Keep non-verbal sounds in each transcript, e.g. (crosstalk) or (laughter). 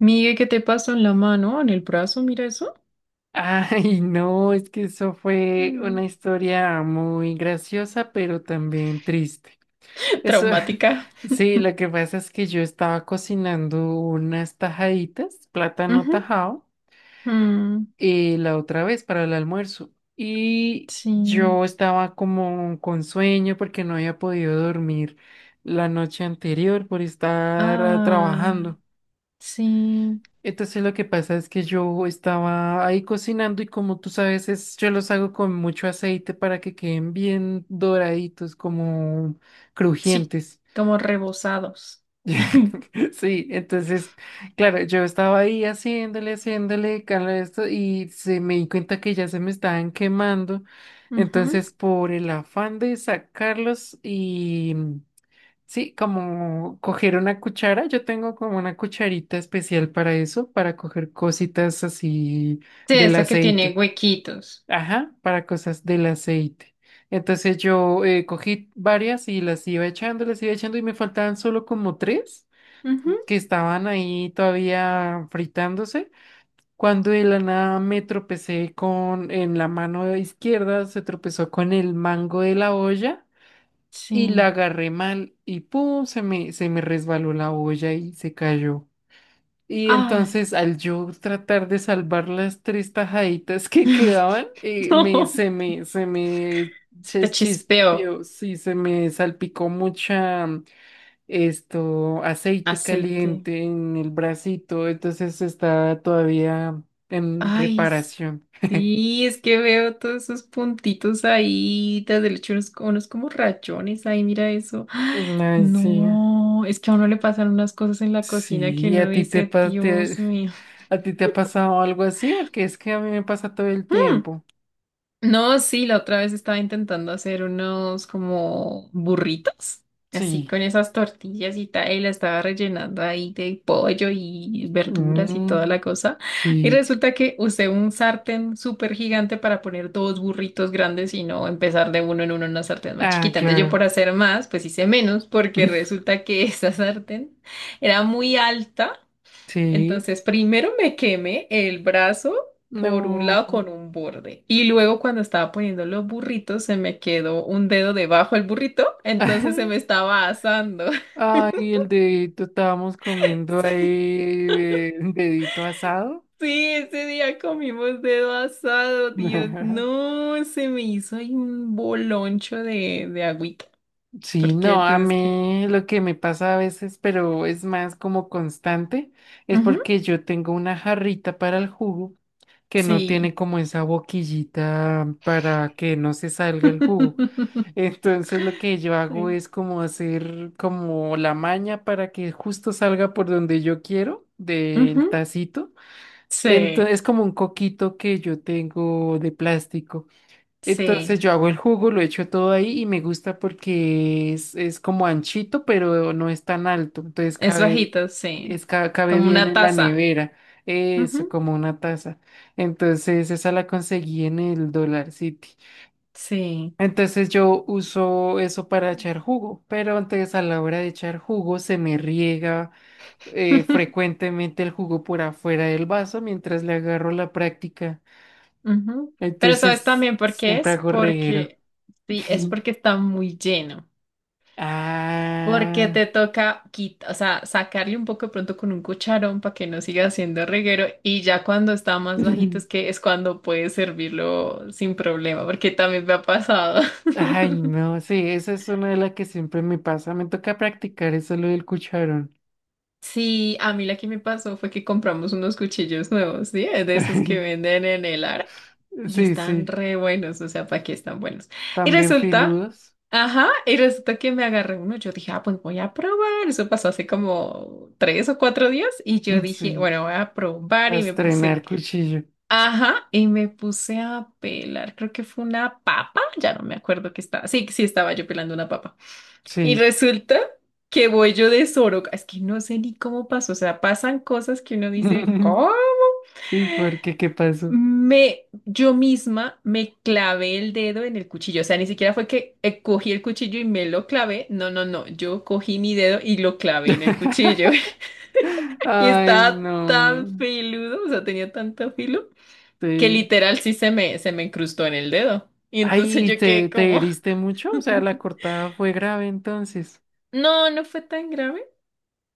Migue, ¿qué te pasó en la mano, en el brazo? Mira eso. Ay, no, es que eso fue una Mm, historia muy graciosa, pero también triste. (laughs) Eso, Traumática. (laughs) sí, lo que pasa es que yo estaba cocinando unas tajaditas, plátano Ujú. tajado, Mm, y la otra vez para el almuerzo. Y Sí. yo estaba como con sueño porque no había podido dormir la noche anterior por estar Ah, trabajando. sí. Entonces lo que pasa es que yo estaba ahí cocinando y como tú sabes, es, yo los hago con mucho aceite para que queden bien doraditos, como Sí, crujientes. como rebozados. (laughs) (laughs) Sí, entonces, claro, yo estaba ahí haciéndole, cala esto y se me di cuenta que ya se me estaban quemando. Ujú. Entonces, por el afán de sacarlos y sí, como coger una cuchara, yo tengo como una cucharita especial para eso, para coger cositas así Sí, del esa que tiene aceite. huequitos. Ajá, para cosas del aceite. Entonces yo cogí varias y las iba echando y me faltaban solo como tres Ujú. que estaban ahí todavía fritándose. Cuando de la nada me tropecé con, en la mano izquierda, se tropezó con el mango de la olla y Sí. la agarré mal y pum, se me resbaló la olla y se cayó. Y Ay, entonces al yo tratar de salvar las tres tajaditas (laughs) que quedaban, (laughs) no. Se me Se te chispeó chispeó, sí, se me salpicó mucha aceite aceite. caliente en el bracito, entonces está todavía en Ay, reparación. (laughs) sí, es que veo todos esos puntitos ahí, desde el hecho unos, como rayones ahí, mira eso. (gasps) ¡Ah! Ay, sí. No, es que a uno le pasan unas cosas en la cocina que Sí, ¿a uno ti te, dice, pa- te- Dios mío. (laughs) ¿a ti te ha pasado algo así? Porque es que a mí me pasa todo el (laughs) Mm. tiempo. No, sí, la otra vez estaba intentando hacer unos como burritos, así Sí. con esas tortillas y tal, y la estaba rellenando ahí de pollo y verduras y toda Mm, la cosa. Y sí. resulta que usé un sartén súper gigante para poner dos burritos grandes y no empezar de uno en uno en una sartén más Ah, chiquita. Entonces yo claro. por hacer más, pues hice menos, porque (laughs) resulta que (laughs) esa sartén era muy alta. Sí. Entonces, primero me quemé el brazo por un lado No. con un borde y luego cuando estaba poniendo los burritos se me quedó un dedo debajo del burrito, entonces se me (laughs) estaba asando. Ay, (laughs) el dedito, estábamos comiendo ahí dedito asado. Sí, ese día comimos dedo asado, Dios, (laughs) no, se me hizo ahí un boloncho de agüita, Sí, porque no, a entonces que... mí lo que me pasa a veces, pero es más como constante, es Ujú, porque yo tengo una jarrita para el jugo, que no tiene sí. como esa boquillita para que no se salga el jugo. (laughs) Entonces lo que yo hago Sí. es como hacer como la maña para que justo salga por donde yo quiero Ujú, del tacito. Entonces sí, es como un coquito que yo tengo de plástico. Entonces sí, yo hago el jugo, lo echo todo ahí y me gusta porque es como anchito, pero no es tan alto. Entonces es cabe, bajito, sí, es, cabe como bien una en la taza. nevera. Eso, Ujú, como una taza. Entonces esa la conseguí en el Dollar City. sí. Entonces yo uso eso para echar jugo, pero antes a la hora de echar jugo se me riega (laughs) frecuentemente el jugo por afuera del vaso mientras le agarro la práctica. Ujú. Pero ¿sabes Entonces también por qué siempre es? hago reguero. Porque, sí, es (laughs) porque está muy lleno. Porque Ah, te toca quita, o sea, sacarle un poco de pronto con un cucharón para que no siga haciendo reguero y ya cuando está más bajito es que (laughs) es cuando puedes servirlo sin problema, porque también me ha pasado. (laughs) ay, no, sí, esa es una de las que siempre me pasa. Me toca practicar eso lo del cucharón. Sí, a mí la que me pasó fue que compramos unos cuchillos nuevos, ¿sí? De esos que (laughs) venden en el Ara. Y Sí, están sí, re buenos, o sea, ¿para qué están buenos? Y también resulta, filudos. ajá, y resulta que me agarré uno. Yo dije, ah, pues voy a probar. Eso pasó hace como tres o cuatro días. Y yo Mm, dije, sí, bueno, voy a probar. a Y me puse, estrenar cuchillo. ajá, y me puse a pelar. Creo que fue una papa. Ya no me acuerdo que estaba. Sí, sí, estaba yo pelando una papa. Y Sí. resulta que voy yo de Soroca. Es que no sé ni cómo pasó. O sea, pasan cosas que uno dice, (laughs) ¿cómo? ¿Y por qué? ¿Qué pasó? Me, yo misma me clavé el dedo en el cuchillo, o sea, ni siquiera fue que cogí el cuchillo y me lo clavé, no, no, no, yo cogí mi dedo y lo clavé en el cuchillo. (laughs) (laughs) Y Ay, estaba tan no. filudo, o sea, tenía tanto filo que Sí. literal sí se me incrustó en el dedo y entonces Ay, yo ¿te, quedé te como, heriste mucho? O sea, (laughs) la cortada fue grave entonces. no, no fue tan grave,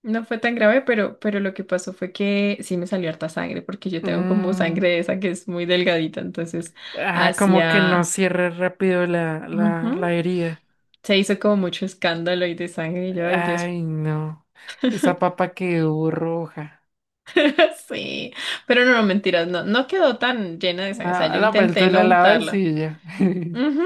no fue tan grave, pero lo que pasó fue que sí me salió harta sangre porque yo tengo como sangre Mm. de esa que es muy delgadita, entonces Ah, como que no hacia... cierre rápido Ujú. la herida. Se hizo como mucho escándalo y de sangre y yo, ay Dios, Ay, no. Esa papa quedó roja. (laughs) sí. Pero no, no, mentiras, no, no quedó tan llena de sangre. O sea, Ah, yo no, pero tú intenté no la lavas untarla. y ya. Ujú,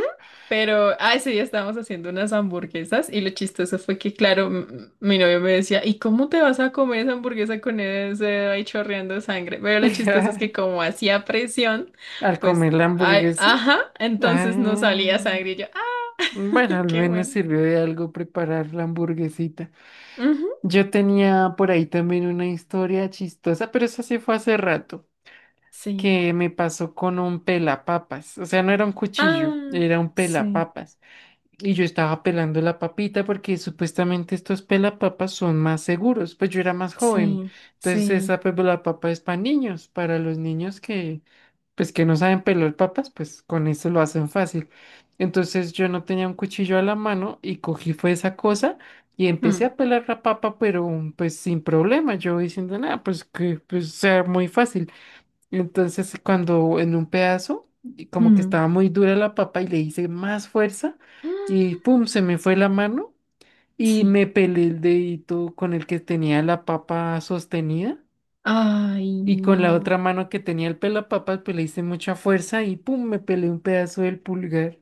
pero, ah, ese día estábamos haciendo unas hamburguesas y lo chistoso fue que, claro, mi novio me decía, ¿y cómo te vas a comer esa hamburguesa con ese dedo ahí chorreando sangre? Pero lo chistoso es que (laughs) como hacía presión, Al pues, comer la ay, hamburguesa. ajá, Ah, entonces no salía sangre y yo, ah, bueno, (laughs) al qué menos bueno. sirvió de algo preparar la hamburguesita. Ujú, Yo tenía por ahí también una historia chistosa, pero eso sí fue hace rato, sí. que me pasó con un pelapapas, o sea, no era un cuchillo, Ah, era un sí. pelapapas. Y yo estaba pelando la papita porque supuestamente estos pelapapas son más seguros. Pues yo era más joven. Sí, Entonces sí. esa pelapapa es para niños, para los niños que pues que no saben pelar papas, pues con eso lo hacen fácil. Entonces yo no tenía un cuchillo a la mano y cogí fue esa cosa y empecé Mm, a pelar la papa, pero pues sin problema. Yo diciendo, nada, pues que pues sea muy fácil. Entonces, cuando en un pedazo, y como que mm, estaba muy dura la papa y le hice más fuerza y mm, pum, se me fue la mano y Sí. me pelé el dedito con el que tenía la papa sostenida Ay, y con la no. otra mano que tenía el pelapapas, pues le hice mucha fuerza y pum, me pelé un pedazo del pulgar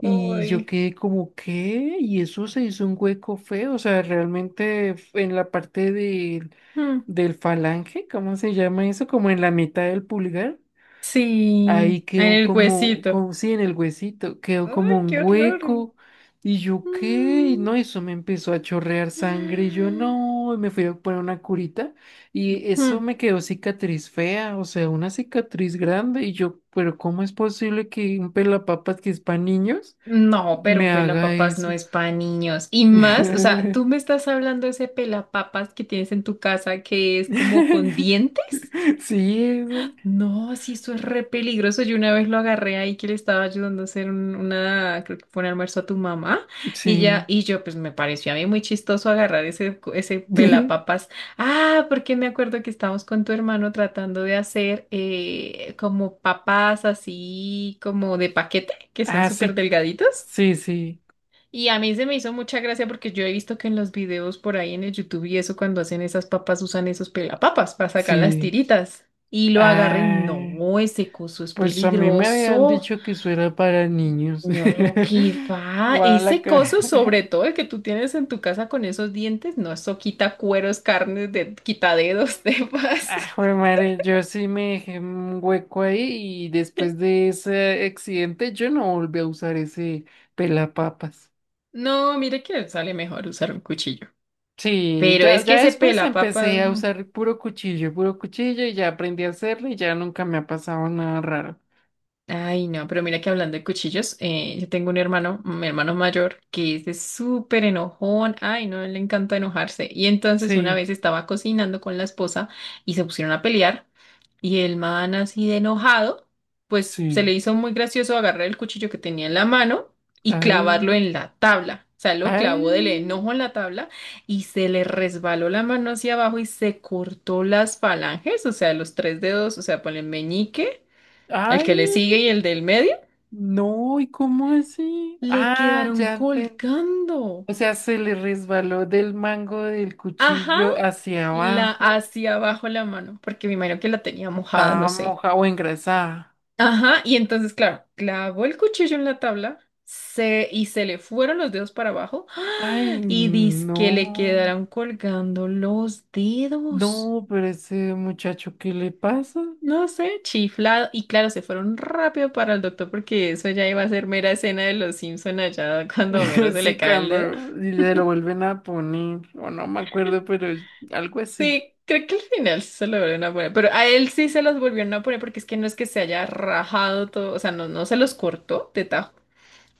y yo Ay, quedé como, ¿qué? Y eso se hizo un hueco feo, o sea, realmente en la parte del Mm, del falange, ¿cómo se llama eso? Como en la mitad del pulgar. sí, Ahí en quedó el como, huesito. como, sí, en el huesito, quedó Ay, como un qué horror. hueco. Y yo, ¿qué? Y Mm, no, eso me empezó a chorrear sangre. Y yo, no, y me fui a poner una curita. Y eso mm. me quedó cicatriz fea, o sea, una cicatriz grande. Y yo, ¿pero cómo es posible que un pelapapas que es para niños No, pero me un haga pelapapas no eso? es para niños. Y más, o sea, tú me estás hablando de ese pelapapas que tienes en tu casa que es como con (laughs) dientes. Sí, ese, No, sí, eso es re peligroso. Yo una vez lo agarré ahí que le estaba ayudando a hacer una, creo que fue un almuerzo a tu mamá, y ya, sí. y yo, pues me pareció a mí muy chistoso agarrar ese (laughs) pelapapas. Ah, porque me acuerdo que estábamos con tu hermano tratando de hacer como papas así, como de paquete, que son Ah, súper sí, delgaditos. sí, sí, Y a mí se me hizo mucha gracia porque yo he visto que en los videos por ahí en el YouTube y eso, cuando hacen esas papas, usan esos pelapapas para sacar las sí. tiritas. Y lo agarren, Ah. no, ese coso es Pues a mí me habían peligroso. dicho que eso era para niños. No, que (laughs) va. Bueno, la Ese que... coso, (laughs) sobre todo el que tú tienes en tu casa con esos dientes, no, eso quita cueros, carnes, de, quita dedos, (laughs) demás. Ah, jue madre, yo sí me dejé un hueco ahí y después de ese accidente yo no volví a usar ese pelapapas. No, mire que sale mejor usar un cuchillo. Sí, Pero ya, es que ya ese después pelapapa. empecé a Mm. usar puro cuchillo y ya aprendí a hacerlo y ya nunca me ha pasado nada raro. Ay, no, pero mira que hablando de cuchillos, yo tengo un hermano, mi hermano mayor, que es de súper enojón. Ay, no, le encanta enojarse. Y entonces una Sí, vez estaba cocinando con la esposa y se pusieron a pelear. Y el man así de enojado, pues se le sí. hizo muy gracioso agarrar el cuchillo que tenía en la mano y clavarlo Ay, en la tabla. O sea, lo ay, clavó del enojo en la tabla y se le resbaló la mano hacia abajo y se cortó las falanges, o sea, los tres dedos, o sea, por el meñique. El que le sigue ay. y el del medio No, ¿y cómo así? le Ah, quedaron ya. colgando. O sea, se le resbaló del mango del Ajá, cuchillo hacia la abajo. hacia abajo la mano, porque me imagino que la tenía mojada, no Estaba sé. mojada o engrasada. Ajá, y entonces, claro, clavó el cuchillo en la tabla se, y se le fueron los dedos para abajo, ¡ah! Ay, Y dice que le no. quedaron colgando los dedos. No, pero ese muchacho, ¿qué le pasa? No sé, chiflado. Y claro, se fueron rápido para el doctor porque eso ya iba a ser mera escena de los Simpson allá cuando a Homero (laughs) se le Sí, cae el dedo. cuando y le lo vuelven a poner, o no me acuerdo, pero es algo así. Sí, creo que al final sí se lo volvieron a poner, pero a él sí se los volvieron a poner porque es que no es que se haya rajado todo, o sea, no, no se los cortó de tajo,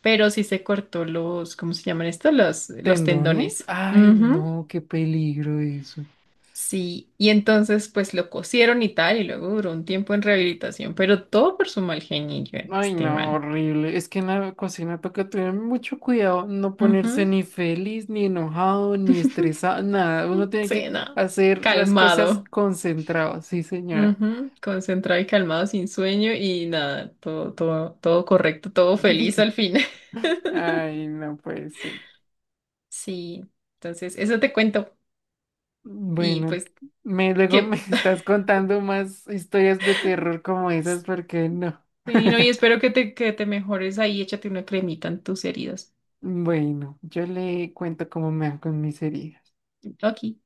pero sí se cortó ¿cómo se llaman estos? Los ¿Tendones? tendones. Ay, Ujú, no, qué peligro eso. sí, y entonces pues lo cosieron y tal, y luego duró un tiempo en rehabilitación, pero todo por su mal genio, en Ay, este no, man. horrible. Es que en la cocina toca tener mucho cuidado, no ponerse Ujú. ni feliz, ni enojado, ni (laughs) estresado, nada. Uno tiene Sí, que no, hacer las cosas calmado. concentrado, sí, señora. Ujú, concentrado y calmado, sin sueño y nada, todo, todo, todo correcto, todo feliz al fin. Ay, no puede ser. Sí, entonces eso te cuento. Y Bueno, pues luego me que (laughs) estás contando más historias de terror como esas, porque no. sí, no, y (laughs) espero que que te mejores ahí, échate una cremita en tus heridas. Bueno, yo le cuento cómo me van con mis heridas. Ok.